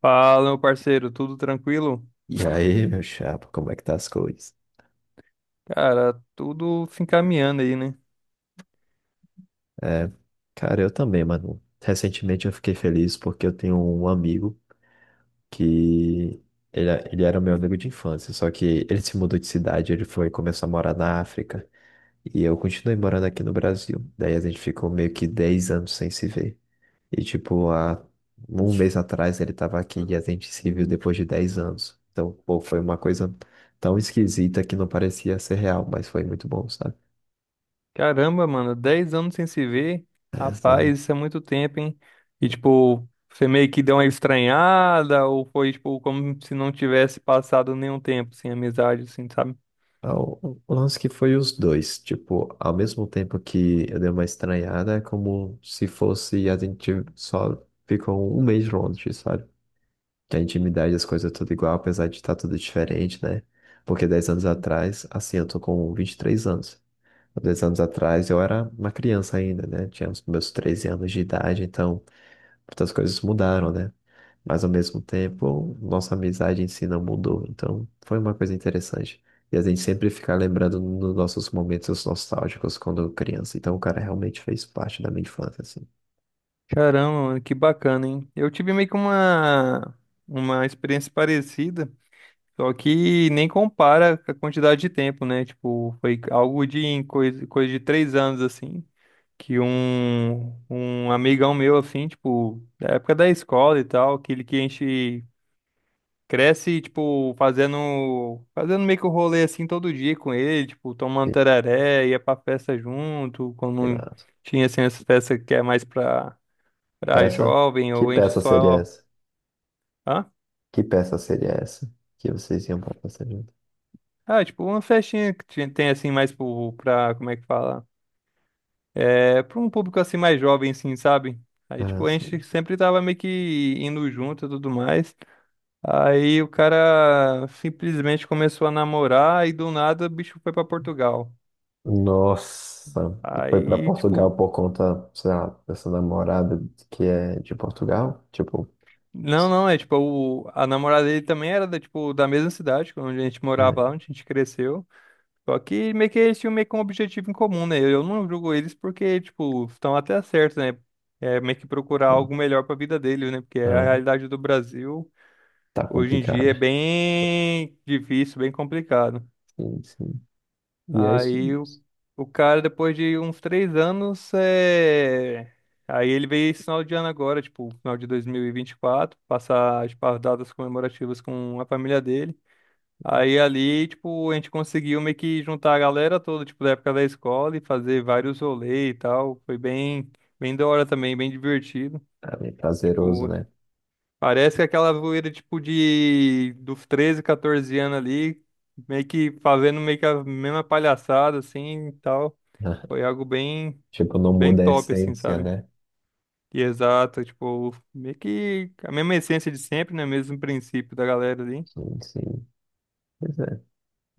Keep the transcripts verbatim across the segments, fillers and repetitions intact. Fala, meu parceiro, tudo tranquilo? E aí, meu chapa, como é que tá as coisas? Cara, tudo se encaminhando aí, né? Cara, eu também, mano. Recentemente eu fiquei feliz porque eu tenho um amigo que ele, é, ele era meu amigo de infância, só que ele se mudou de cidade, ele foi começou a morar na África e eu continuei morando aqui no Brasil. Daí a gente ficou meio que dez anos sem se ver. E tipo, há um mês atrás ele tava aqui e a gente se viu depois de dez anos. Então, pô, foi uma coisa tão esquisita que não parecia ser real, mas foi muito bom, sabe? Caramba, mano, dez anos sem se ver. É, sabe? Rapaz, isso é muito tempo, hein? E, tipo, você meio que deu uma estranhada, ou foi, tipo, como se não tivesse passado nenhum tempo sem amizade, assim, sabe? Ah, O o lance que foi os dois, tipo, ao mesmo tempo que eu dei uma estranhada, é como se fosse a gente só ficou um mês longe, sabe? Que a intimidade, as coisas é tudo igual, apesar de estar tudo diferente, né? Porque dez anos atrás, assim, eu tô com vinte e três anos. Há 10 anos atrás eu era uma criança ainda, né? Tinha os meus treze anos de idade, então muitas coisas mudaram, né? Mas ao mesmo tempo, nossa amizade em si não mudou. Então, foi uma coisa interessante. E a gente sempre fica lembrando nos nossos momentos nostálgicos quando criança. Então, o cara realmente fez parte da minha infância, assim. Caramba, mano, que bacana, hein? Eu tive meio que uma, uma experiência parecida, só que nem compara com a quantidade de tempo, né? Tipo, foi algo de coisa, coisa de três anos, assim. Que um, um amigão meu, assim, tipo, da época da escola e tal, aquele que a gente cresce, tipo, fazendo, fazendo meio que o rolê, assim, todo dia com ele, tipo, tomando tereré, ia pra festa junto, E quando lá, tinha, assim, essa festa que é mais pra, pra peça? jovem, Que ou a gente peça seria só, essa? hã? Que peça seria essa que vocês iam para fazer junto? Ah, tipo, uma festinha que tinha- tem, assim, mais pro, pra, como é que fala? É, pra um público, assim, mais jovem, assim, sabe? Aí, Ah, tipo, a sim. gente sempre tava meio que indo junto e tudo mais. Aí o cara simplesmente começou a namorar e do nada o bicho foi pra Portugal. Nossa, e foi para Aí, Portugal tipo, por conta, sei lá, dessa namorada que é de Portugal? Tipo, não, não, é tipo, o, a namorada dele também era da, tipo, da mesma cidade onde a gente morava lá, é, onde a gente cresceu. Só que meio que eles tinham meio que um objetivo em comum, né? Eu não julgo eles porque, tipo, estão até certos, né? É meio que procurar sim. algo melhor pra vida dele, né? Porque é a realidade do Brasil Tá hoje em dia é complicado. bem difícil, bem complicado. Sim, sim. E é isso. Aí o, o cara, depois de uns três anos, é... Aí ele veio esse final de ano agora, tipo, final de dois mil e e vinte e quatro passar tipo, as datas comemorativas com a família dele. Aí ali, tipo, a gente conseguiu meio que juntar a galera toda, tipo, da época da escola e fazer vários rolês e tal. Foi bem, bem da hora também, bem divertido. É prazeroso, Tipo, né? parece que aquela zoeira, tipo, de dos treze catorze anos ali, meio que fazendo meio que a mesma palhaçada, assim, e tal. Foi algo bem, Tipo, não bem muda a top, assim, essência, sabe? né? E exato, tipo, meio que a mesma essência de sempre, né? Mesmo princípio da galera ali. Sim, sim. Pois é.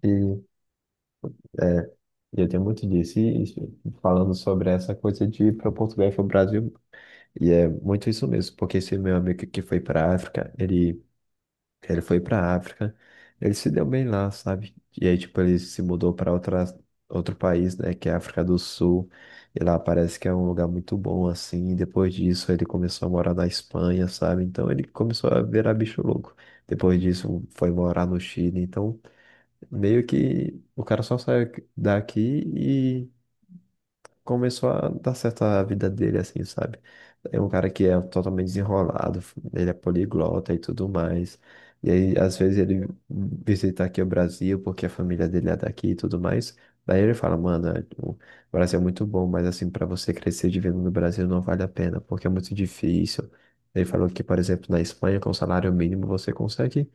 E, e eu tenho muito disso. E, e falando sobre essa coisa de ir para Portugal e para o Brasil. E é muito isso mesmo, porque esse meu amigo que foi para África, ele. Que ele foi pra África, ele se deu bem lá, sabe? E aí, tipo, ele se mudou pra outra, outro país, né, que é a África do Sul, e lá parece que é um lugar muito bom, assim. E depois disso, ele começou a morar na Espanha, sabe? Então, ele começou a virar bicho louco. Depois disso, foi morar no Chile. Então, meio que o cara só saiu daqui começou a dar certo a vida dele, assim, sabe? É um cara que é totalmente desenrolado, ele é poliglota e tudo mais. E aí, às vezes, ele visita aqui o Brasil, porque a família dele é daqui e tudo mais. Daí ele fala, mano, é, o Brasil é muito bom, mas assim, para você crescer vivendo no Brasil não vale a pena, porque é muito difícil. Ele falou que, por exemplo, na Espanha, com salário mínimo, você consegue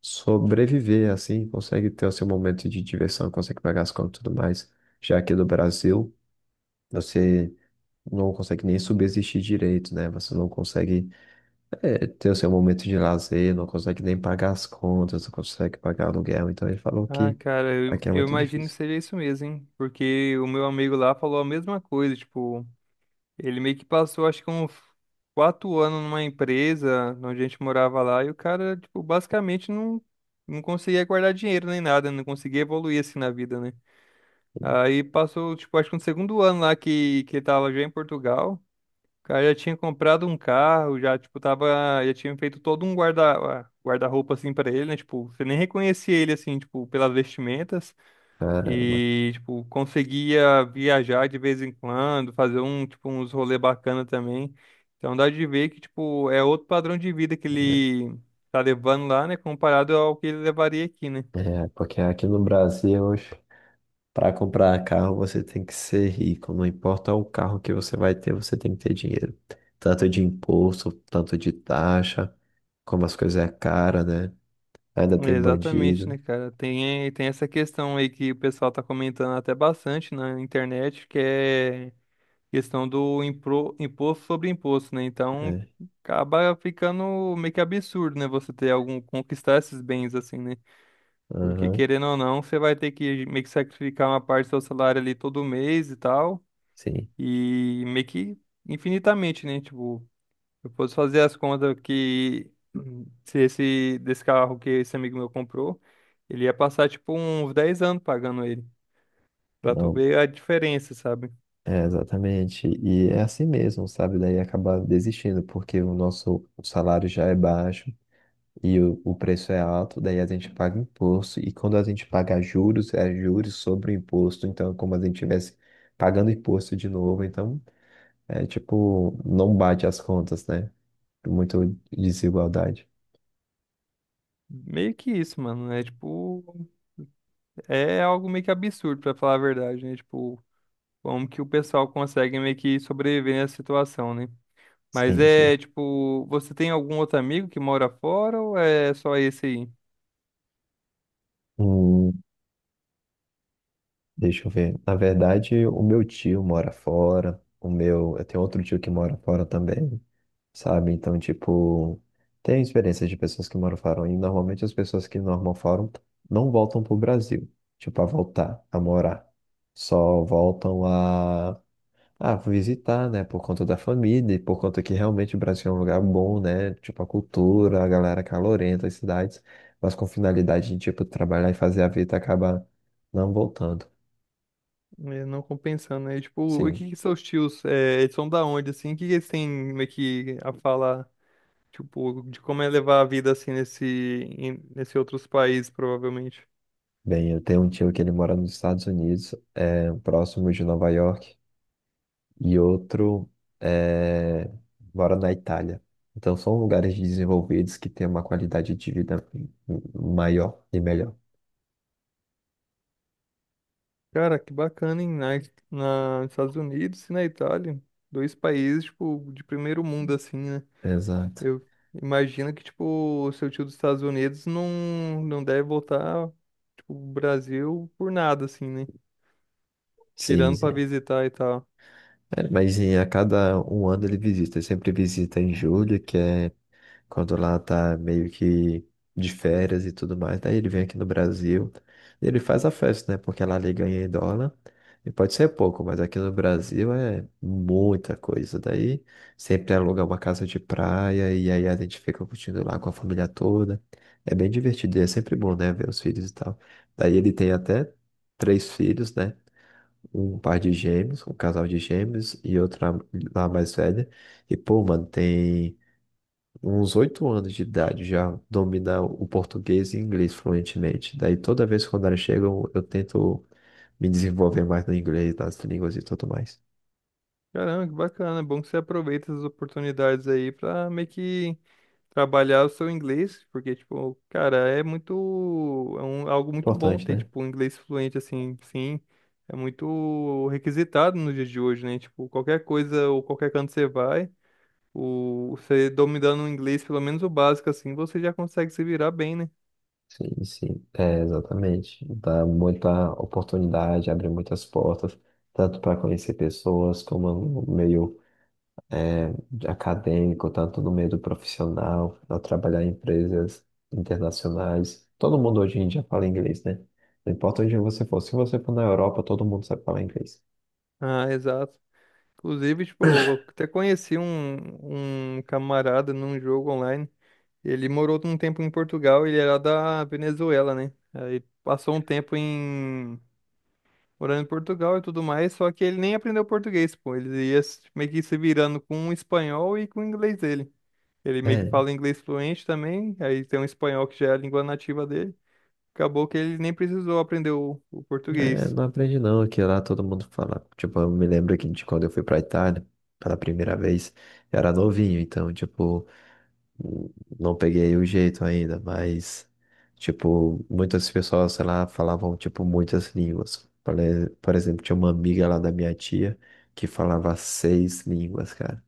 sobreviver, assim, consegue ter o seu momento de diversão, consegue pagar as contas e tudo mais. Já aqui no Brasil. Você não consegue nem subsistir direito, né? Você não consegue é, ter o seu momento de lazer, não consegue nem pagar as contas, não consegue pagar aluguel. Então ele falou Ah, que cara, eu, aqui é eu muito imagino que difícil. seja isso mesmo, hein? Porque o meu amigo lá falou a mesma coisa, tipo, ele meio que passou, acho que uns quatro anos numa empresa onde a gente morava lá, e o cara, tipo, basicamente não, não conseguia guardar dinheiro nem nada, não conseguia evoluir assim na vida, né? Aí passou, tipo, acho que no segundo ano lá que, que ele tava já em Portugal. Cara, eu já tinha comprado um carro, já, tipo, tava. Já tinha feito todo um guarda, guarda-roupa, assim, pra ele, né? Tipo, você nem reconhecia ele, assim, tipo, pelas vestimentas. Caramba. E, tipo, conseguia viajar de vez em quando, fazer um, tipo, uns rolê bacana também. Então dá de ver que, tipo, é outro padrão de vida que ele tá levando lá, né? Comparado ao que ele levaria aqui, né? É, porque aqui no Brasil, hoje, para comprar carro, você tem que ser rico. Não importa o carro que você vai ter, você tem que ter dinheiro. Tanto de imposto, tanto de taxa, como as coisas é cara, né? Ainda tem Exatamente, bandido. né, cara? Tem, tem essa questão aí que o pessoal tá comentando até bastante na internet, que é questão do impro- imposto sobre imposto, né? Então É. acaba ficando meio que absurdo, né? Você ter algum conquistar esses bens assim, né? Porque Aham, querendo ou não, você vai ter que meio que sacrificar uma parte do seu salário ali todo mês e tal, sim. e meio que infinitamente, né? Tipo, eu posso fazer as contas que hum, se esse desse carro que esse amigo meu comprou, ele ia passar tipo uns dez anos pagando ele, pra tu Não, ver a diferença, sabe? é, exatamente. E é assim mesmo, sabe? Daí acabar desistindo, porque o nosso salário já é baixo e o, o preço é alto, daí a gente paga imposto. E quando a gente paga juros, é juros sobre o imposto. Então, é como a gente estivesse pagando imposto de novo. Então, é tipo, não bate as contas, né? Muita desigualdade. Meio que isso, mano. É tipo é algo meio que absurdo, pra falar a verdade, né? Tipo, como que o pessoal consegue meio que sobreviver nessa situação, né? Mas Sim, sim. é, tipo, você tem algum outro amigo que mora fora ou é só esse aí? Hum, Deixa eu ver. Na verdade, o meu tio mora fora. O meu, eu tenho outro tio que mora fora também. Sabe? Então, tipo, tem experiências de pessoas que moram fora e normalmente as pessoas que normam fora não voltam pro Brasil, tipo, a voltar, a morar. Só voltam a, a visitar, né? Por conta da família e por conta que realmente o Brasil é um lugar bom, né? Tipo, a cultura, a galera calorenta, as cidades, mas com finalidade de, tipo, trabalhar e fazer a vida acaba não voltando. É, não compensando, né? Tipo, o Sim. que que seus tios, é, eles são da onde, assim? O que que eles têm meio que a falar, tipo, de como é levar a vida, assim, nesse, em- nesse outros países, provavelmente? Bem, eu tenho um tio que ele mora nos Estados Unidos, é, próximo de Nova York. E outro é, mora na Itália. Então são lugares desenvolvidos que têm uma qualidade de vida maior e melhor. Cara, que bacana, hein? Na, na, nos Estados Unidos e na Itália. Dois países, tipo, de primeiro mundo, assim, né? Exato. Eu imagino que, tipo, o seu tio dos Estados Unidos não, não deve voltar, tipo, o Brasil por nada, assim, né? Sim, Tirando sim. pra visitar e tal. É, mas em, a cada um ano ele visita. Ele sempre visita em julho, que é quando lá tá meio que de férias e tudo mais. Daí ele vem aqui no Brasil e ele faz a festa, né? Porque lá ele ganha em dólar. E pode ser pouco, mas aqui no Brasil é muita coisa. Daí sempre aluga uma casa de praia e aí a gente fica curtindo lá com a família toda. É bem divertido e é sempre bom, né? Ver os filhos e tal. Daí ele tem até três filhos, né? Um par de gêmeos, um casal de gêmeos e outra lá mais velha. E, pô, mano, tem uns oito anos de idade, já domina o português e inglês fluentemente. Daí toda vez quando elas chegam, eu tento me desenvolver mais no inglês, nas línguas e tudo mais. Caramba, que bacana. É bom que você aproveita essas oportunidades aí pra meio que trabalhar o seu inglês, porque, tipo, cara, é muito, é um, algo muito bom Importante, ter, né? tipo, um inglês fluente, assim, sim, é muito requisitado nos dias de hoje, né? Tipo, qualquer coisa ou qualquer canto você vai, o, você dominando o inglês, pelo menos o básico, assim, você já consegue se virar bem, né? Sim, sim, é, exatamente. Dá muita oportunidade, abre muitas portas, tanto para conhecer pessoas, como no meio de acadêmico, tanto no meio do profissional, a trabalhar em empresas internacionais. Todo mundo hoje em dia fala inglês, né? Não importa onde você for. Se você for na Europa, todo mundo sabe falar inglês. Ah, exato. Inclusive, tipo, eu até conheci um, um camarada num jogo online. Ele morou um tempo em Portugal, ele era da Venezuela, né? Aí passou um tempo em morando em Portugal e tudo mais, só que ele nem aprendeu português, pô. Ele ia se- meio que se virando com o espanhol e com o inglês dele. Ele meio que É, fala inglês fluente também, aí tem um espanhol que já é a língua nativa dele. Acabou que ele nem precisou aprender o, o é, português. não aprendi não, que lá todo mundo fala. Tipo, eu me lembro que de quando eu fui pra Itália pela primeira vez, eu era novinho, então, tipo. Não peguei o jeito ainda, mas, tipo, muitas pessoas, sei lá, falavam, tipo, muitas línguas. Por e- por exemplo, tinha uma amiga lá da minha tia que falava seis línguas, cara.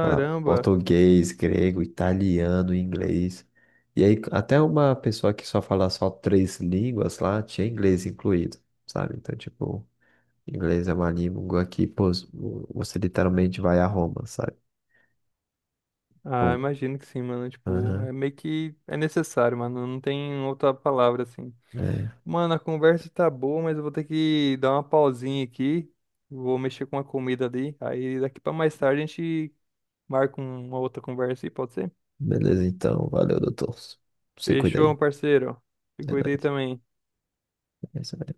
Falava português, grego, italiano, inglês. E aí, até uma pessoa que só fala só três línguas lá tinha inglês incluído, sabe? Então, tipo, inglês é uma língua que, pô, você literalmente vai a Roma, sabe? Ah, Com... imagino que sim, mano. Tipo, Aham. é meio que é necessário, mano. Não tem outra palavra assim. Mano, a conversa tá boa, mas eu vou ter que dar uma pausinha aqui. Vou mexer com a comida ali. Aí daqui pra mais tarde a gente marca uma outra conversa aí, pode ser? Beleza, então. Valeu, doutor. Se cuida Fechou, aí. meu parceiro. Se É cuida aí nóis. também. É isso aí.